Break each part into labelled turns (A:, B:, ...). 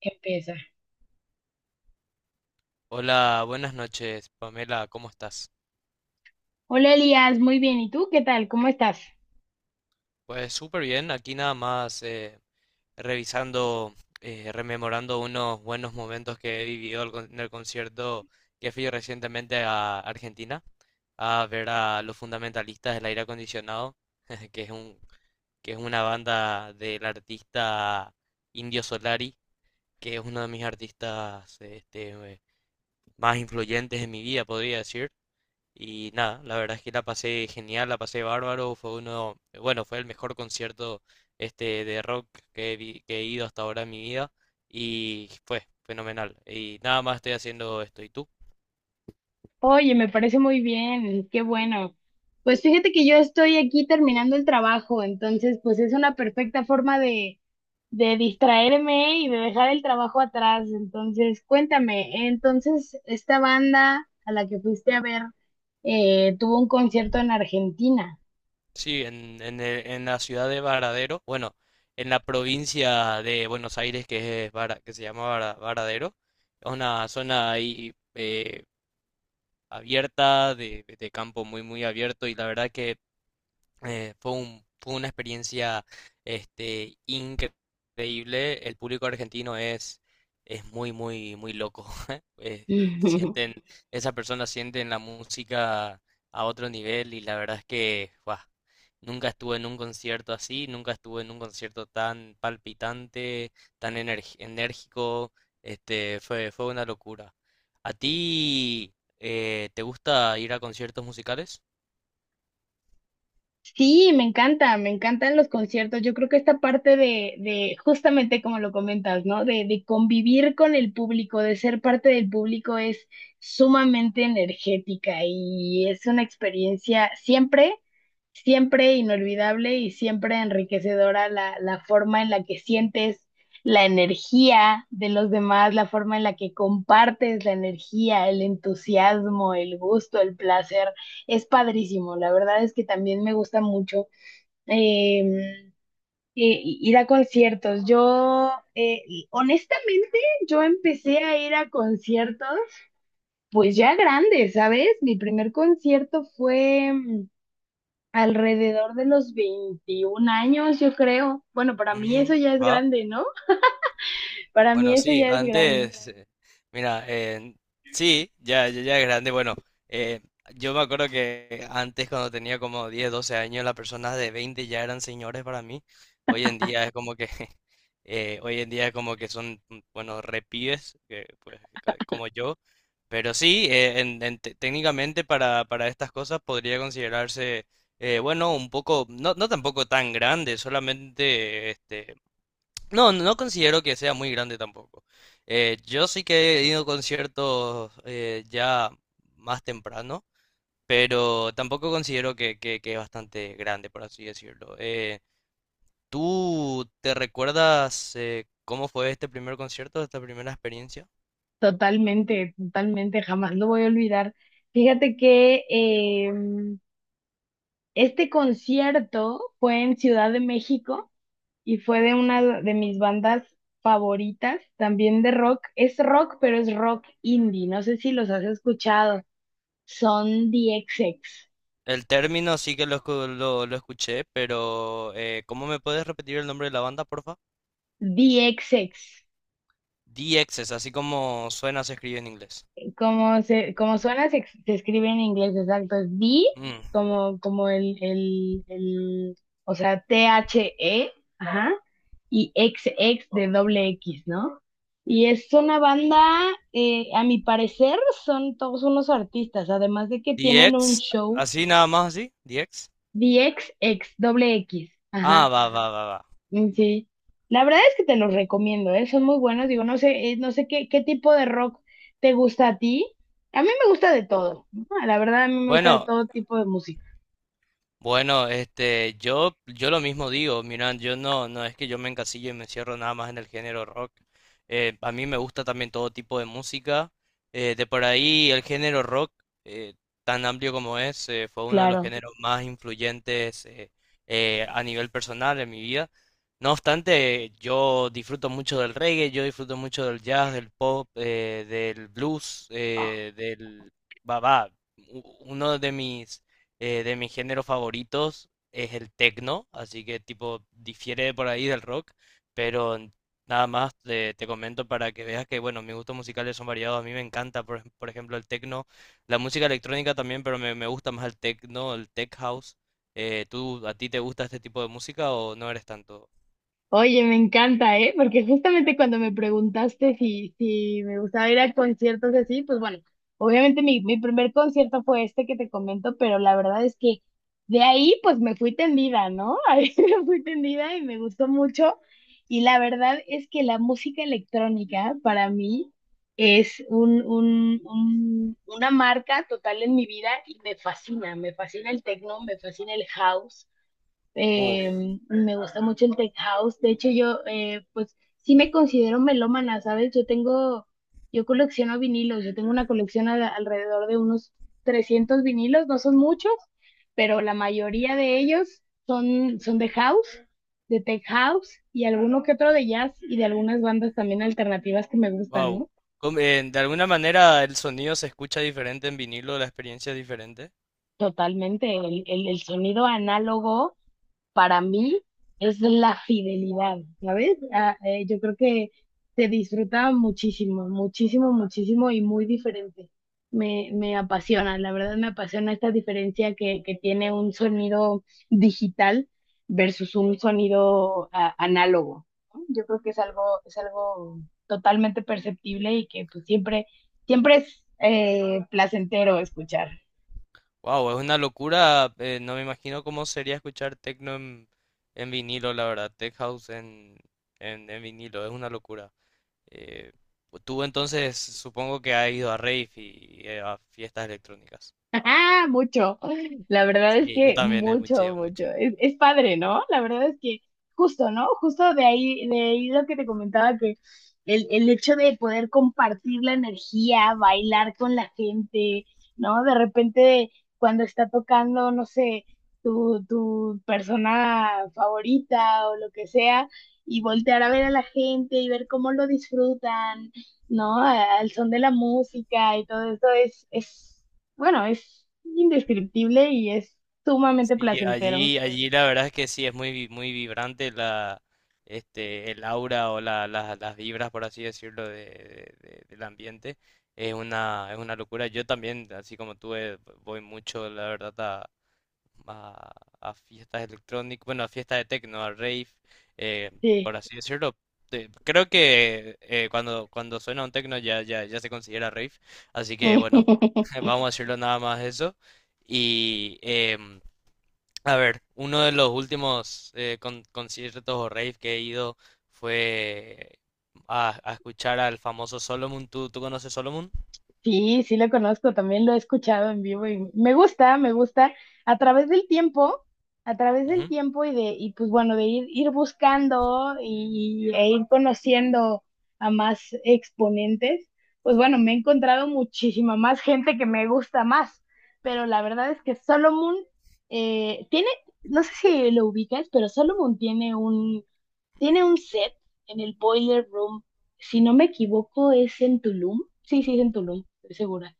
A: Empieza.
B: Hola, buenas noches, Pamela, ¿cómo estás?
A: Hola Elías, muy bien. ¿Y tú qué tal? ¿Cómo estás?
B: Pues súper bien, aquí nada más revisando, rememorando unos buenos momentos que he vivido en el concierto que fui recientemente a Argentina a ver a los fundamentalistas del aire acondicionado, que es un, que es una banda del artista Indio Solari, que es uno de mis artistas más influyentes en mi vida, podría decir. Y nada, la verdad es que la pasé genial, la pasé bárbaro, fue el mejor concierto de rock que que he ido hasta ahora en mi vida y fue fenomenal. Y nada más estoy haciendo esto. ¿Y tú?
A: Oye, me parece muy bien, qué bueno. Pues fíjate que yo estoy aquí terminando el trabajo, entonces pues es una perfecta forma de distraerme y de dejar el trabajo atrás. Entonces, cuéntame, entonces esta banda a la que fuiste a ver tuvo un concierto en Argentina.
B: Sí, en la ciudad de Varadero, bueno, en la provincia de Buenos Aires que se llama Varadero, es una zona ahí abierta, de campo muy muy abierto y la verdad que fue una experiencia increíble. El público argentino es muy, muy, muy loco. Eh, l- sienten, esas personas sienten la música a otro nivel y la verdad es que ¡guau! Nunca estuve en un concierto así, nunca estuve en un concierto tan palpitante, enérgico. Fue una locura. ¿A ti te gusta ir a conciertos musicales?
A: Sí, me encanta, me encantan los conciertos. Yo creo que esta parte de, justamente como lo comentas, ¿no? De convivir con el público, de ser parte del público es sumamente energética y es una experiencia siempre, siempre inolvidable y siempre enriquecedora la forma en la que sientes la energía de los demás, la forma en la que compartes la energía, el entusiasmo, el gusto, el placer es padrísimo. La verdad es que también me gusta mucho eh, ir a conciertos. Yo, honestamente, yo empecé a ir a conciertos pues ya grande, ¿sabes? Mi primer concierto fue alrededor de los 21 años, yo creo. Bueno, para mí eso
B: Ujú,
A: ya es
B: va.
A: grande, ¿no? Para mí
B: Bueno,
A: eso
B: sí,
A: ya es grande.
B: mira, eh, sí, ya, ya, ya es grande. Bueno, eh, yo me acuerdo que antes cuando tenía como 10 12 años, las personas de 20 ya eran señores para mí. Hoy en día es como que, hoy en día es como que son, bueno, repibes, como yo. Pero sí, técnicamente para estas cosas podría considerarse, bueno, un poco, no, no tampoco tan grande, no, no considero que sea muy grande tampoco. Yo sí que he ido a conciertos ya más temprano, pero tampoco considero que es bastante grande, por así decirlo. ¿Tú te recuerdas cómo fue este primer concierto, esta primera experiencia?
A: Totalmente, totalmente, jamás lo voy a olvidar. Fíjate que este concierto fue en Ciudad de México y fue de una de mis bandas favoritas, también de rock. Es rock, pero es rock indie. No sé si los has escuchado. Son DXX.
B: El término sí que lo escuché, pero ¿cómo me puedes repetir el nombre de la banda, porfa?
A: DXX.
B: DXs, así como suena, se escribe en inglés.
A: Como suena, se escribe en inglés, exacto. Es D,
B: Mm.
A: como, el, o sea, T-H-E, ajá, y X, X de doble X, ¿no? Y es una banda, a mi parecer, son todos unos artistas, además de que
B: D
A: tienen un
B: X,
A: show
B: así nada más así, D X.
A: d x x doble X.
B: Ah, va, va, va, va.
A: Mm, sí, la verdad es que te los recomiendo, ¿eh? Son muy buenos. Digo, no sé, no sé qué, qué tipo de rock te gusta a ti. A mí me gusta de todo, ¿no? La verdad, a mí me gusta de
B: Bueno,
A: todo tipo de música.
B: bueno, yo lo mismo digo, miran, yo no, no es que yo me encasillo y me encierro nada más en el género rock. A mí me gusta también todo tipo de música. De por ahí el género rock, eh, tan amplio como es, fue uno de los
A: Claro.
B: géneros más influyentes a nivel personal en mi vida. No obstante, yo disfruto mucho del reggae, yo disfruto mucho del jazz, del pop, del blues, del... Va, va, Uno de mis géneros favoritos es el techno, así que tipo difiere por ahí del rock, pero nada más te comento para que veas que bueno, mis gustos musicales son variados, a mí me encanta por ejemplo el techno, la música electrónica también, pero me gusta más el techno, el tech house. ¿Tú a ti te gusta este tipo de música o no eres tanto?
A: Oye, me encanta, ¿eh? Porque justamente cuando me preguntaste si me gustaba ir a conciertos así, pues bueno, obviamente mi primer concierto fue este que te comento, pero la verdad es que de ahí pues me fui tendida, ¿no? Ahí me fui tendida y me gustó mucho. Y la verdad es que la música electrónica para mí es una marca total en mi vida y me fascina el techno, me fascina el house.
B: Uf,
A: Eh, me gusta mucho el tech house. De hecho, yo, pues, sí me considero melómana, ¿sabes? Yo tengo, yo colecciono vinilos. Yo tengo una colección alrededor de unos 300 vinilos. No son muchos, pero la mayoría de ellos son, son de house, de tech house y alguno que otro de jazz y de algunas bandas también alternativas que me gustan,
B: wow.
A: ¿no?
B: Mm. De alguna manera el sonido se escucha diferente en vinilo, la experiencia es diferente.
A: Totalmente, el sonido análogo para mí es la fidelidad, ¿sabes? Ah, yo creo que se disfruta muchísimo, muchísimo, muchísimo y muy diferente. Me apasiona, la verdad me apasiona esta diferencia que tiene un sonido digital versus un sonido ah, análogo. ¿No? Yo creo que es algo totalmente perceptible y que pues siempre, siempre es placentero escuchar.
B: Wow, es una locura. No me imagino cómo sería escuchar techno en vinilo, la verdad. Tech house en vinilo, es una locura. Eh, Tú entonces supongo que has ido a rave y, a fiestas electrónicas.
A: Ajá, mucho. La verdad es
B: Sí, yo
A: que
B: también he mucho,
A: mucho, mucho.
B: mucho.
A: Es padre, ¿no? La verdad es que justo, ¿no? Justo de ahí lo que te comentaba, que el hecho de poder compartir la energía, bailar con la gente, ¿no? De repente, cuando está tocando, no sé, tu persona favorita o lo que sea, y voltear a ver a la gente y ver cómo lo disfrutan, ¿no? A- al son de la música y todo eso es, es. Bueno, es indescriptible y es sumamente
B: Sí,
A: placentero.
B: allí, allí la verdad es que sí, muy vibrante el aura o las vibras, por así decirlo, del ambiente. Es una locura. Yo también, así como tú, voy mucho, la verdad, a, a fiestas electrónicas, bueno, a fiestas de techno, a rave, eh,
A: Sí.
B: por así decirlo. Creo que cuando suena un techno ya, ya, ya se considera rave. Así que bueno, vamos a decirlo nada más eso. Y... em, a ver, uno de los últimos conciertos o rave que he ido fue a escuchar al famoso Solomon. ¿Tú, tú conoces Solomon?
A: Sí, sí lo conozco, también lo he escuchado en vivo y me gusta a través del tiempo, a través del
B: Ujú.
A: tiempo y pues bueno, de ir, ir buscando y, e ir conociendo a más exponentes, pues bueno, me he encontrado muchísima más gente que me gusta más, pero la verdad es que Solomon tiene, no sé si lo ubicas, pero Solomon tiene un. Tiene un set en el Boiler Room. Si no me equivoco, es en Tulum. Sí, sí, es en Tulum, estoy segura.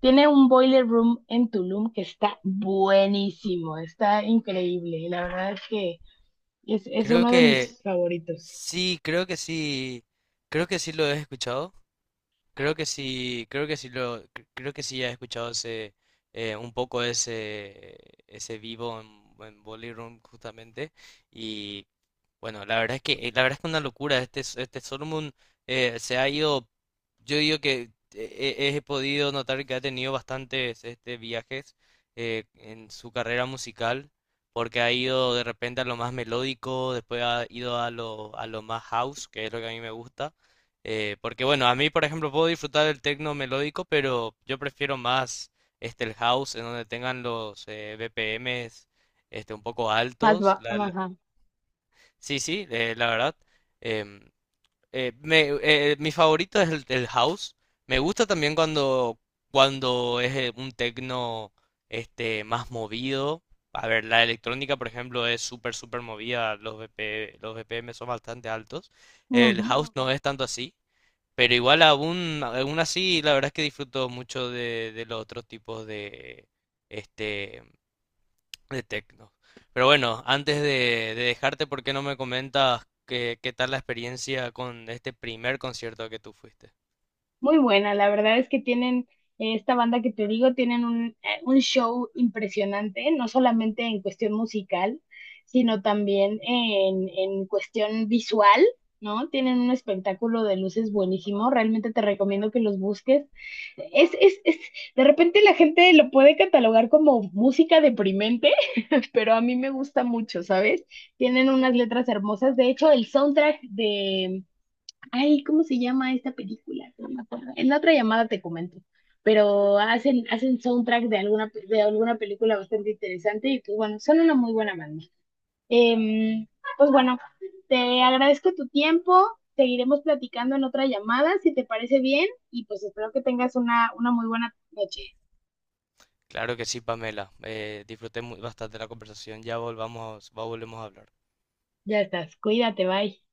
A: Tiene un Boiler Room en Tulum que está buenísimo, está increíble. Y la verdad es que es
B: Creo
A: uno de
B: que
A: mis favoritos.
B: sí, creo que sí, Creo que sí lo he escuchado. Creo que sí he escuchado un poco ese vivo en Bolly Room justamente. Y bueno, la verdad es que una locura. Este Solomon eh, se ha ido, yo digo que he podido notar que ha tenido bastantes viajes en su carrera musical, porque ha ido de repente a lo más melódico, después ha ido a lo más house, que es lo que a mí me gusta. Porque bueno, a mí por ejemplo puedo disfrutar del techno melódico, pero yo prefiero más el house en donde tengan los BPMs un poco
A: Más
B: altos.
A: va, más, ajá.
B: Sí, sí, la verdad. em, Mi favorito es el house. Me gusta también cuando es un techno más movido. A ver, la electrónica, por ejemplo, es súper, súper movida, los BPM son bastante altos. El
A: Ujú.
B: house no es tanto así. Pero igual aún, aún así, la verdad es que disfruto mucho de los otros tipos este, de tecno. Pero bueno, antes de dejarte, ¿por qué no me comentas qué, qué tal la experiencia con este primer concierto al que tú fuiste?
A: Muy buena, la verdad es que tienen, esta banda que te digo, tienen un show impresionante, no solamente en cuestión musical, sino también en cuestión visual, ¿no? Tienen un espectáculo de luces buenísimo, realmente te recomiendo que los busques. Es, de repente la gente lo puede catalogar como música deprimente, pero a mí me gusta mucho, ¿sabes? Tienen unas letras hermosas, de hecho, el soundtrack de. Ay, ¿cómo se llama esta película? No me acuerdo. En la otra llamada te comento. Pero hacen, hacen soundtrack de alguna, pe- de alguna película bastante interesante y pues bueno, son una muy buena banda. Em, pues bueno, te agradezco tu tiempo. Seguiremos platicando en otra llamada, si te parece bien, y pues espero que tengas una muy buena noche.
B: Claro que sí, Pamela. Bastante la conversación. Volvemos a hablar.
A: Ya estás, cuídate, bye.